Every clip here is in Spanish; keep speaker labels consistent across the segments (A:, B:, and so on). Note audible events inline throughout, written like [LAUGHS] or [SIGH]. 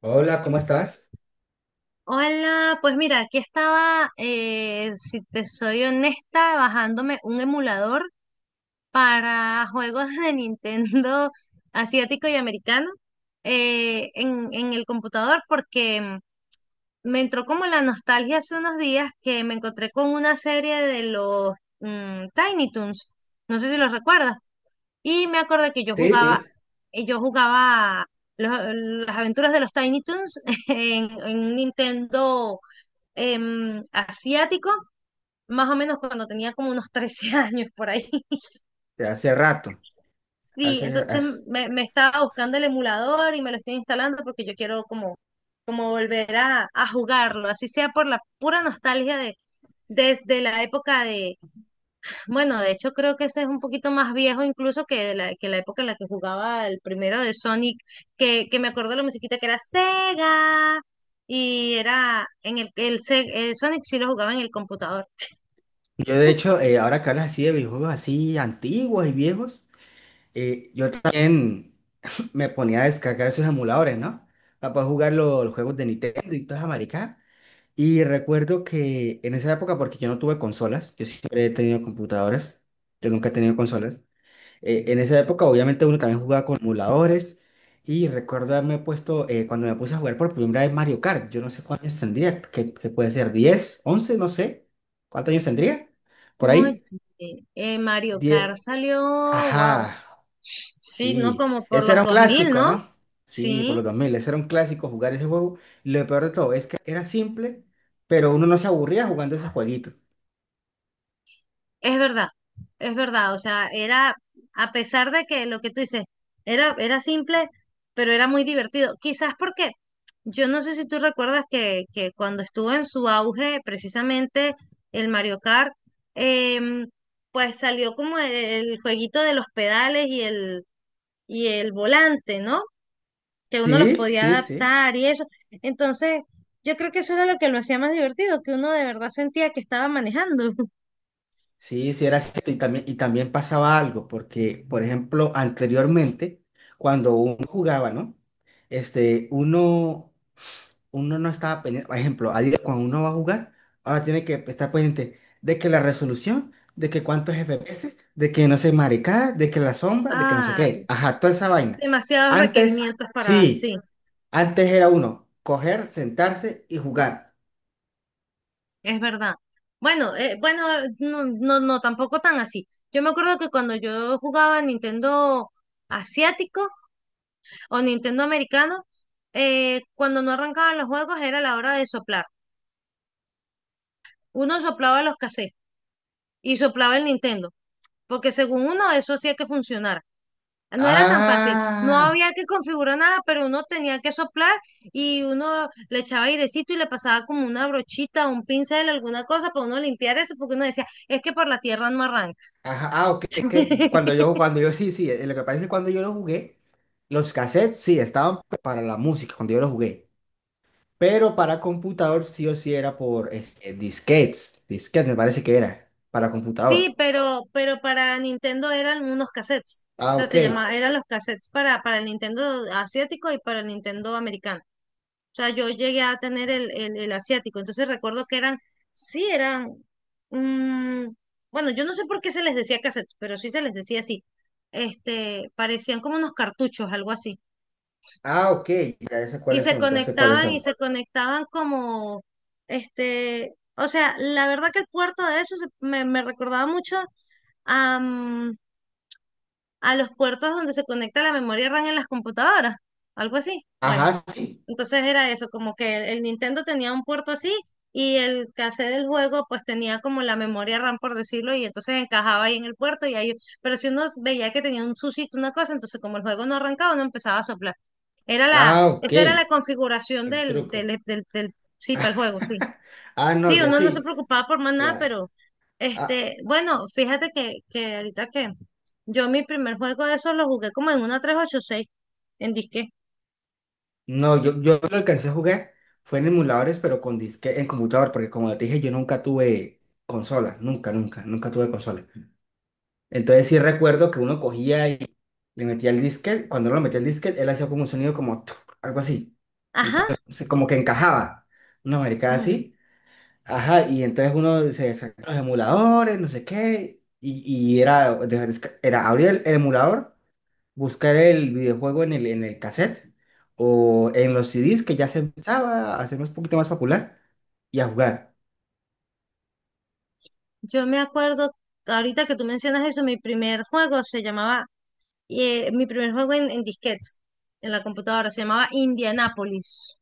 A: Hola, ¿cómo estás?
B: Hola, pues mira, aquí estaba, si te soy honesta, bajándome un emulador para juegos de Nintendo asiático y americano, en el computador porque me entró como la nostalgia hace unos días que me encontré con una serie de los Tiny Toons, no sé si los recuerdas, y me acordé que
A: Sí, sí,
B: yo jugaba los- las aventuras de los Tiny Toons [LAUGHS] en un Nintendo, asiático, más o menos cuando tenía como unos [LAUGHS] 13 años por ahí. [LAUGHS]
A: de hace rato.
B: Sí,
A: Hace,
B: entonces
A: hace-
B: me estaba buscando el emulador y me lo estoy instalando porque yo quiero como, como volver a jugarlo, así sea por la pura nostalgia de desde la época de, bueno, de hecho creo que ese es un poquito más viejo incluso que la época en la que jugaba el primero de Sonic, que me acuerdo de la musiquita que era Sega y era en el Sonic sí lo jugaba en el computador.
A: Yo de hecho, ahora que hablas así de videojuegos así antiguos y viejos, yo también [LAUGHS] me ponía a descargar esos emuladores, ¿no? Para poder jugar los juegos de Nintendo y todas América. Y recuerdo que en esa época, porque yo no tuve consolas, yo siempre he tenido computadoras, yo nunca he tenido consolas. En esa época, obviamente, uno también jugaba con emuladores. Y recuerdo haberme puesto, cuando me puse a jugar por primera vez Mario Kart, yo no sé cuántos años tendría, que puede ser 10, 11, no sé. ¿Cuántos años tendría? Por
B: Oye,
A: ahí.
B: Mario
A: 10.
B: Kart salió, wow,
A: Ajá,
B: sí, ¿no?
A: sí.
B: Como por
A: Ese era
B: los
A: un
B: 2000,
A: clásico,
B: ¿no?
A: ¿no? Sí, por
B: Sí,
A: los 2000. Ese era un clásico jugar ese juego. Y lo peor de todo es que era simple, pero uno no se aburría jugando ese jueguito.
B: es verdad, es verdad, o sea, era, a pesar de que lo que tú dices, era simple, pero era muy divertido. Quizás porque, yo no sé si tú recuerdas que, cuando estuvo en su auge, precisamente el Mario Kart, em, pues salió como el jueguito de los pedales y el volante, ¿no? Que uno los
A: Sí,
B: podía
A: sí, sí.
B: adaptar y eso. Entonces, yo creo que eso era lo que lo hacía más divertido, que uno de verdad sentía que estaba manejando. [LAUGHS]
A: Sí, sí, era cierto. Y también, pasaba algo, porque, por ejemplo, anteriormente, cuando uno jugaba, ¿no? Este, uno no estaba pendiente, por ejemplo, a cuando uno va a jugar, ahora tiene que estar pendiente de que la resolución, de que cuántos FPS, de que no sé, maricada, de que la sombra, de que no sé
B: Ay,
A: qué. Ajá, toda esa vaina.
B: demasiados
A: Antes,
B: requerimientos para,
A: sí,
B: sí,
A: antes era uno, coger, sentarse y jugar.
B: es verdad. Bueno, bueno, no, no, no, tampoco tan así. Yo me acuerdo que cuando yo jugaba Nintendo asiático o Nintendo americano, cuando no arrancaban los juegos era la hora de soplar. Uno soplaba los cassettes y soplaba el Nintendo, porque según uno eso hacía que funcionara. No era tan fácil, no
A: Ah.
B: había que configurar nada, pero uno tenía que soplar y uno le echaba airecito y le pasaba como una brochita, un pincel, alguna cosa para uno limpiar eso, porque uno decía, es que por la tierra no arranca.
A: Ajá, ah, ok, es que
B: [LAUGHS]
A: cuando yo, sí, sí, lo que pasa es que cuando yo lo jugué, los cassettes sí estaban para la música, cuando yo lo jugué, pero para computador sí o sí era por este, disquetes me parece que era, para
B: Sí,
A: computador.
B: pero para Nintendo eran unos cassettes, o
A: Ah,
B: sea,
A: ok,
B: se llamaba, eran los cassettes para el Nintendo asiático y para el Nintendo americano. O sea, yo llegué a tener el asiático. Entonces recuerdo que eran, sí, eran, mm, bueno, yo no sé por qué se les decía cassettes, pero sí se les decía así. Este, parecían como unos cartuchos, algo así.
A: ah, ok, ya sé
B: Y
A: cuáles
B: se
A: son, ya sé cuáles
B: conectaban y
A: son.
B: se conectaban como, este, o sea, la verdad que el puerto de eso me, me recordaba mucho a, mm, a los puertos donde se conecta la memoria RAM en las computadoras, algo así. Bueno,
A: Ajá, sí,
B: entonces era eso, como que el Nintendo tenía un puerto así y el cassette del juego pues tenía como la memoria RAM, por decirlo, y entonces encajaba ahí en el puerto y ahí, pero si uno veía que tenía un susito, una cosa, entonces como el juego no arrancaba, no empezaba a soplar. Era la,
A: ah, ok,
B: esa era la configuración
A: el truco.
B: sí, para el juego, sí.
A: [LAUGHS] Ah, no,
B: Sí,
A: yo
B: uno no se
A: sí,
B: preocupaba por más nada,
A: claro.
B: pero
A: Ah,
B: este, bueno, fíjate que, ahorita que yo, mi primer juego de esos lo jugué como en una 386, en disque.
A: no, yo lo alcancé a jugar, fue en emuladores, pero con disque en computador, porque como te dije, yo nunca tuve consola, nunca, nunca, nunca tuve consola. Entonces sí recuerdo que uno cogía y le metía el disquete, cuando uno lo metía el disquete, él hacía como un sonido como tuc, algo así, un so-
B: Ajá.
A: como que encajaba, una maricada así, ajá, y entonces uno se descargaba los emuladores, no sé qué, y era, era abrir el emulador, buscar el videojuego en el cassette o en los CDs, que ya se empezaba a hacer un poquito más popular, y a jugar.
B: Yo me acuerdo, ahorita que tú mencionas eso, mi primer juego se llamaba, mi primer juego en disquetes, en la computadora, se llamaba Indianapolis.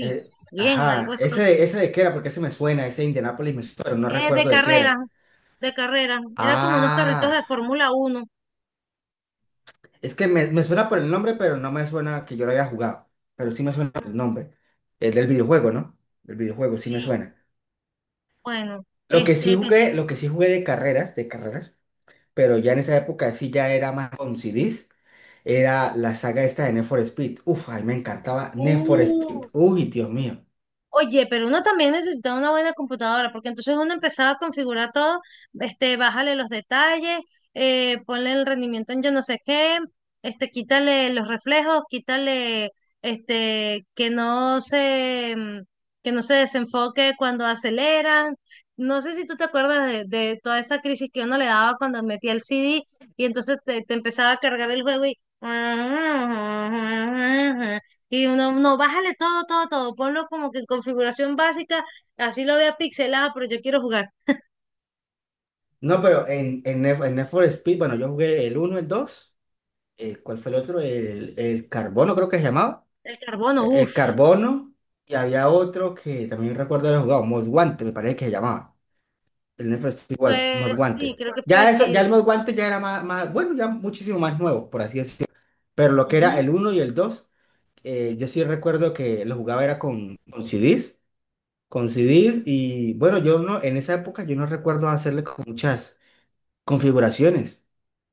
B: bien, algo
A: Ajá,
B: así.
A: ese de qué era, porque ese me suena, ese de Indianapolis me suena, pero no
B: De
A: recuerdo de qué
B: carrera,
A: era.
B: de carrera. Era como unos carritos
A: Ah,
B: de Fórmula 1.
A: es que me suena por el nombre, pero no me suena que yo lo haya jugado, pero sí me suena por el nombre. El del videojuego, ¿no? El videojuego sí me
B: Sí,
A: suena.
B: bueno,
A: Lo que sí
B: este,
A: jugué, lo que sí jugué de carreras, pero ya en esa época sí ya era más con CDs. Era la saga esta de Need for Speed. Uf, a mí me encantaba Need for Speed.
B: uh,
A: Uy, Dios mío.
B: oye, pero uno también necesita una buena computadora, porque entonces uno empezaba a configurar todo, este, bájale los detalles, ponle el rendimiento en yo no sé qué, este, quítale los reflejos, quítale, este, que no se desenfoque cuando aceleran. No sé si tú te acuerdas de toda esa crisis que uno le daba cuando metía el CD y entonces te, empezaba a cargar el juego y... Y uno no, bájale todo, todo, todo. Ponlo como que en configuración básica, así lo vea pixelado, pero yo quiero jugar.
A: No, pero en Need for Speed, bueno, yo jugué el uno, el 2, ¿cuál fue el otro? El Carbono, creo que se llamaba.
B: El carbono,
A: El
B: uff.
A: Carbono. Y había otro que también recuerdo haber jugado, Most Wanted, me parece que se llamaba. El Need for Speed was Most
B: Pues sí,
A: Wanted.
B: creo que fue
A: Ya, eso, ya
B: sí.
A: el Most Wanted ya era más, bueno, ya muchísimo más nuevo, por así decirlo. Pero lo que era
B: Ujú.
A: el uno y el 2, yo sí recuerdo que lo jugaba era con CDs. Con CDs, y bueno, yo no, en esa época yo no recuerdo hacerle con muchas configuraciones.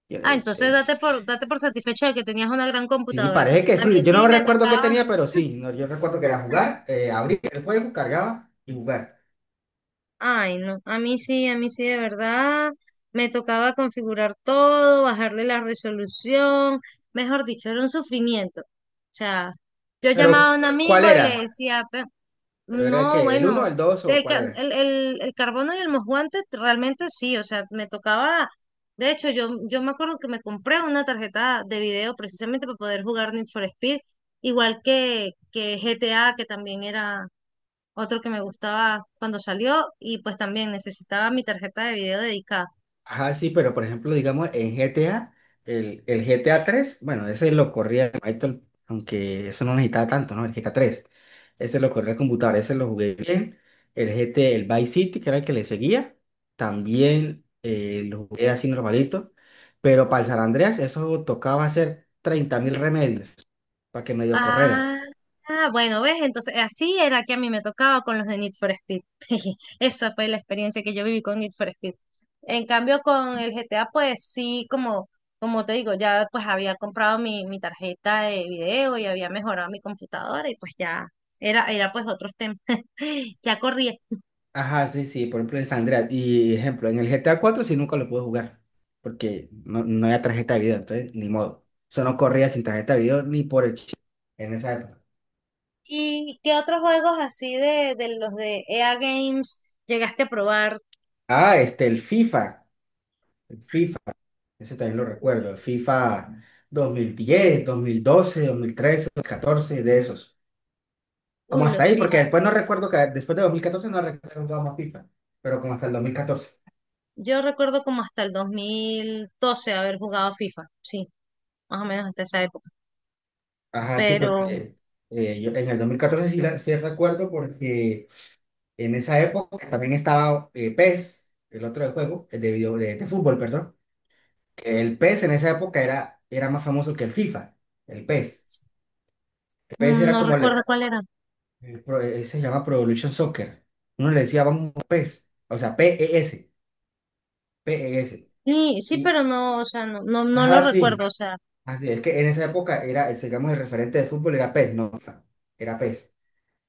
A: Y,
B: Ah,
A: eh,
B: entonces
A: eh,
B: date por, satisfecho de que tenías una gran
A: Sí,
B: computadora.
A: parece que
B: A mí
A: sí. Yo no
B: sí me
A: recuerdo qué
B: tocaba.
A: tenía, pero sí. No, yo recuerdo que era jugar, abrir el juego, cargaba y jugar.
B: Ay, no, a mí sí, de verdad. Me tocaba configurar todo, bajarle la resolución, mejor dicho, era un sufrimiento. O sea, yo llamaba
A: Pero,
B: a un
A: ¿cuál
B: amigo y le
A: era?
B: decía,
A: ¿Pero era el
B: no,
A: qué? ¿El uno,
B: bueno,
A: el dos, o
B: el,
A: cuál
B: ca-
A: era?
B: el, el, el carbono y el mosguante realmente sí, o sea, me tocaba, de hecho yo, me acuerdo que me compré una tarjeta de video precisamente para poder jugar Need for Speed, igual que, GTA, que también era otro que me gustaba cuando salió y pues también necesitaba mi tarjeta de video dedicada.
A: Ajá, sí, pero por ejemplo, digamos, en GTA, el GTA tres, bueno, ese lo corría el Python, aunque eso no necesitaba tanto, ¿no? El GTA tres, ese lo corría el computador, ese lo jugué bien. El Vice City, que era el que le seguía, también lo jugué así normalito. Pero para el San Andreas, eso tocaba hacer 30,000 remedios para que medio correra.
B: Ah, bueno, ¿ves? Entonces, así era que a mí me tocaba con los de Need for Speed. [LAUGHS] Esa fue la experiencia que yo viví con Need for Speed. En cambio, con el GTA, pues sí, como te digo, ya pues había comprado mi tarjeta de video y había mejorado mi computadora y pues ya era pues otros temas. [LAUGHS] Ya corría.
A: Ajá, sí, sí, por ejemplo en San Andreas. Y ejemplo, en el GTA 4 sí nunca lo pude jugar, porque no había tarjeta de video, entonces ni modo. Eso no corría sin tarjeta de video ni por el chip en esa época.
B: ¿Y qué otros juegos así de los de EA Games llegaste a probar?
A: Ah, este, el FIFA, ese también lo recuerdo, el FIFA dos, dos, dos mil, mil, mil diez, doce, trece, 2014, de esos. Como
B: Uy,
A: hasta
B: los
A: ahí, porque
B: FIFA.
A: después no recuerdo que, después de 2014 no recuerdo que más FIFA, pero como hasta el 2014.
B: Yo recuerdo como hasta el 2012 haber jugado FIFA, sí, más o menos hasta esa época,
A: Ajá, sí,
B: pero
A: porque yo en el 2014 sí, sí recuerdo, porque en esa época también estaba, PES, el otro de juego, el de video, de fútbol, perdón. Que el PES en esa época era más famoso que el FIFA, el PES. El PES era
B: no
A: como,
B: recuerdo cuál era.
A: se llama Pro Evolution Soccer. Uno le decía, vamos, PES, o sea, p p e s, P e s.
B: Sí, sí,
A: Y,
B: pero no, o sea, no, no, no lo
A: ajá,
B: recuerdo,
A: sí,
B: o sea,
A: así es que en esa época era, digamos, el referente de fútbol era PES, no FIFA, era PES.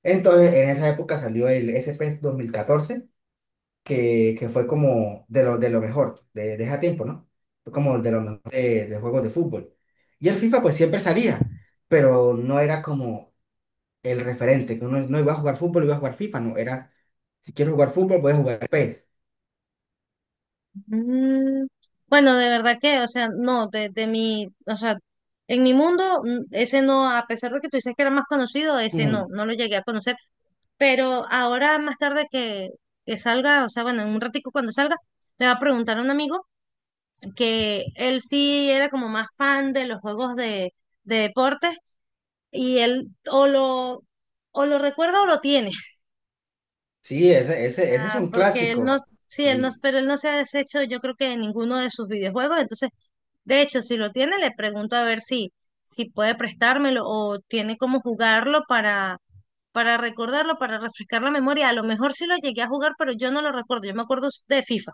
A: Entonces, en esa época salió el S pes 2014, que fue como de de lo mejor, de ese tiempo, ¿no? Fue como de lo mejor de juegos de fútbol. Y el FIFA pues siempre salía, pero no era como el referente, que uno no iba a jugar fútbol, iba a jugar FIFA, no, era, si quiero jugar fútbol, voy a jugar PES.
B: mm, bueno, de verdad que, o sea, no, de, mi, o sea, en mi mundo, ese no, a pesar de que tú dices que era más conocido, ese no,
A: Mm,
B: no lo llegué a conocer, pero ahora más tarde que, salga, o sea, bueno, en un ratico cuando salga, le va a preguntar a un amigo que él sí era como más fan de los juegos de, deportes y él o lo recuerda o lo tiene,
A: sí, ese es
B: ah,
A: un
B: porque él no,
A: clásico.
B: sí, él no,
A: Sí,
B: pero él no se ha deshecho yo creo que de ninguno de sus videojuegos, entonces, de hecho, si lo tiene, le pregunto a ver si, si puede prestármelo o tiene cómo jugarlo para, recordarlo, para refrescar la memoria, a lo mejor sí lo llegué a jugar, pero yo no lo recuerdo, yo me acuerdo de FIFA.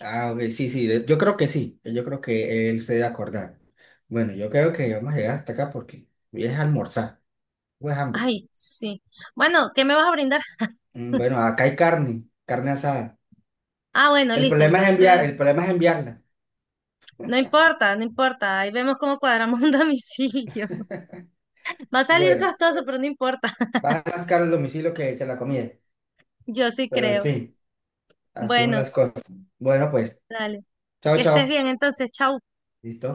A: a ver, sí, sí, yo creo que sí, yo creo que él se debe acordar. Bueno, yo creo
B: Sí.
A: que vamos a llegar hasta acá porque voy a almorzar, pues hambre.
B: Ay, sí. Bueno, ¿qué me vas a brindar?
A: Mm, bueno, acá hay carne, carne asada.
B: Ah, bueno,
A: El
B: listo,
A: problema es enviar,
B: entonces
A: el problema es enviarla.
B: no importa, no importa. Ahí vemos cómo cuadramos un [LAUGHS] domicilio. Va a salir
A: Bueno,
B: costoso, pero no importa.
A: baja más caro el domicilio que la comida.
B: [LAUGHS] Yo sí
A: Pero en
B: creo.
A: fin, así son
B: Bueno,
A: las cosas. Bueno, pues,
B: dale.
A: chao,
B: Que estés
A: chao.
B: bien entonces. Chao.
A: Listo.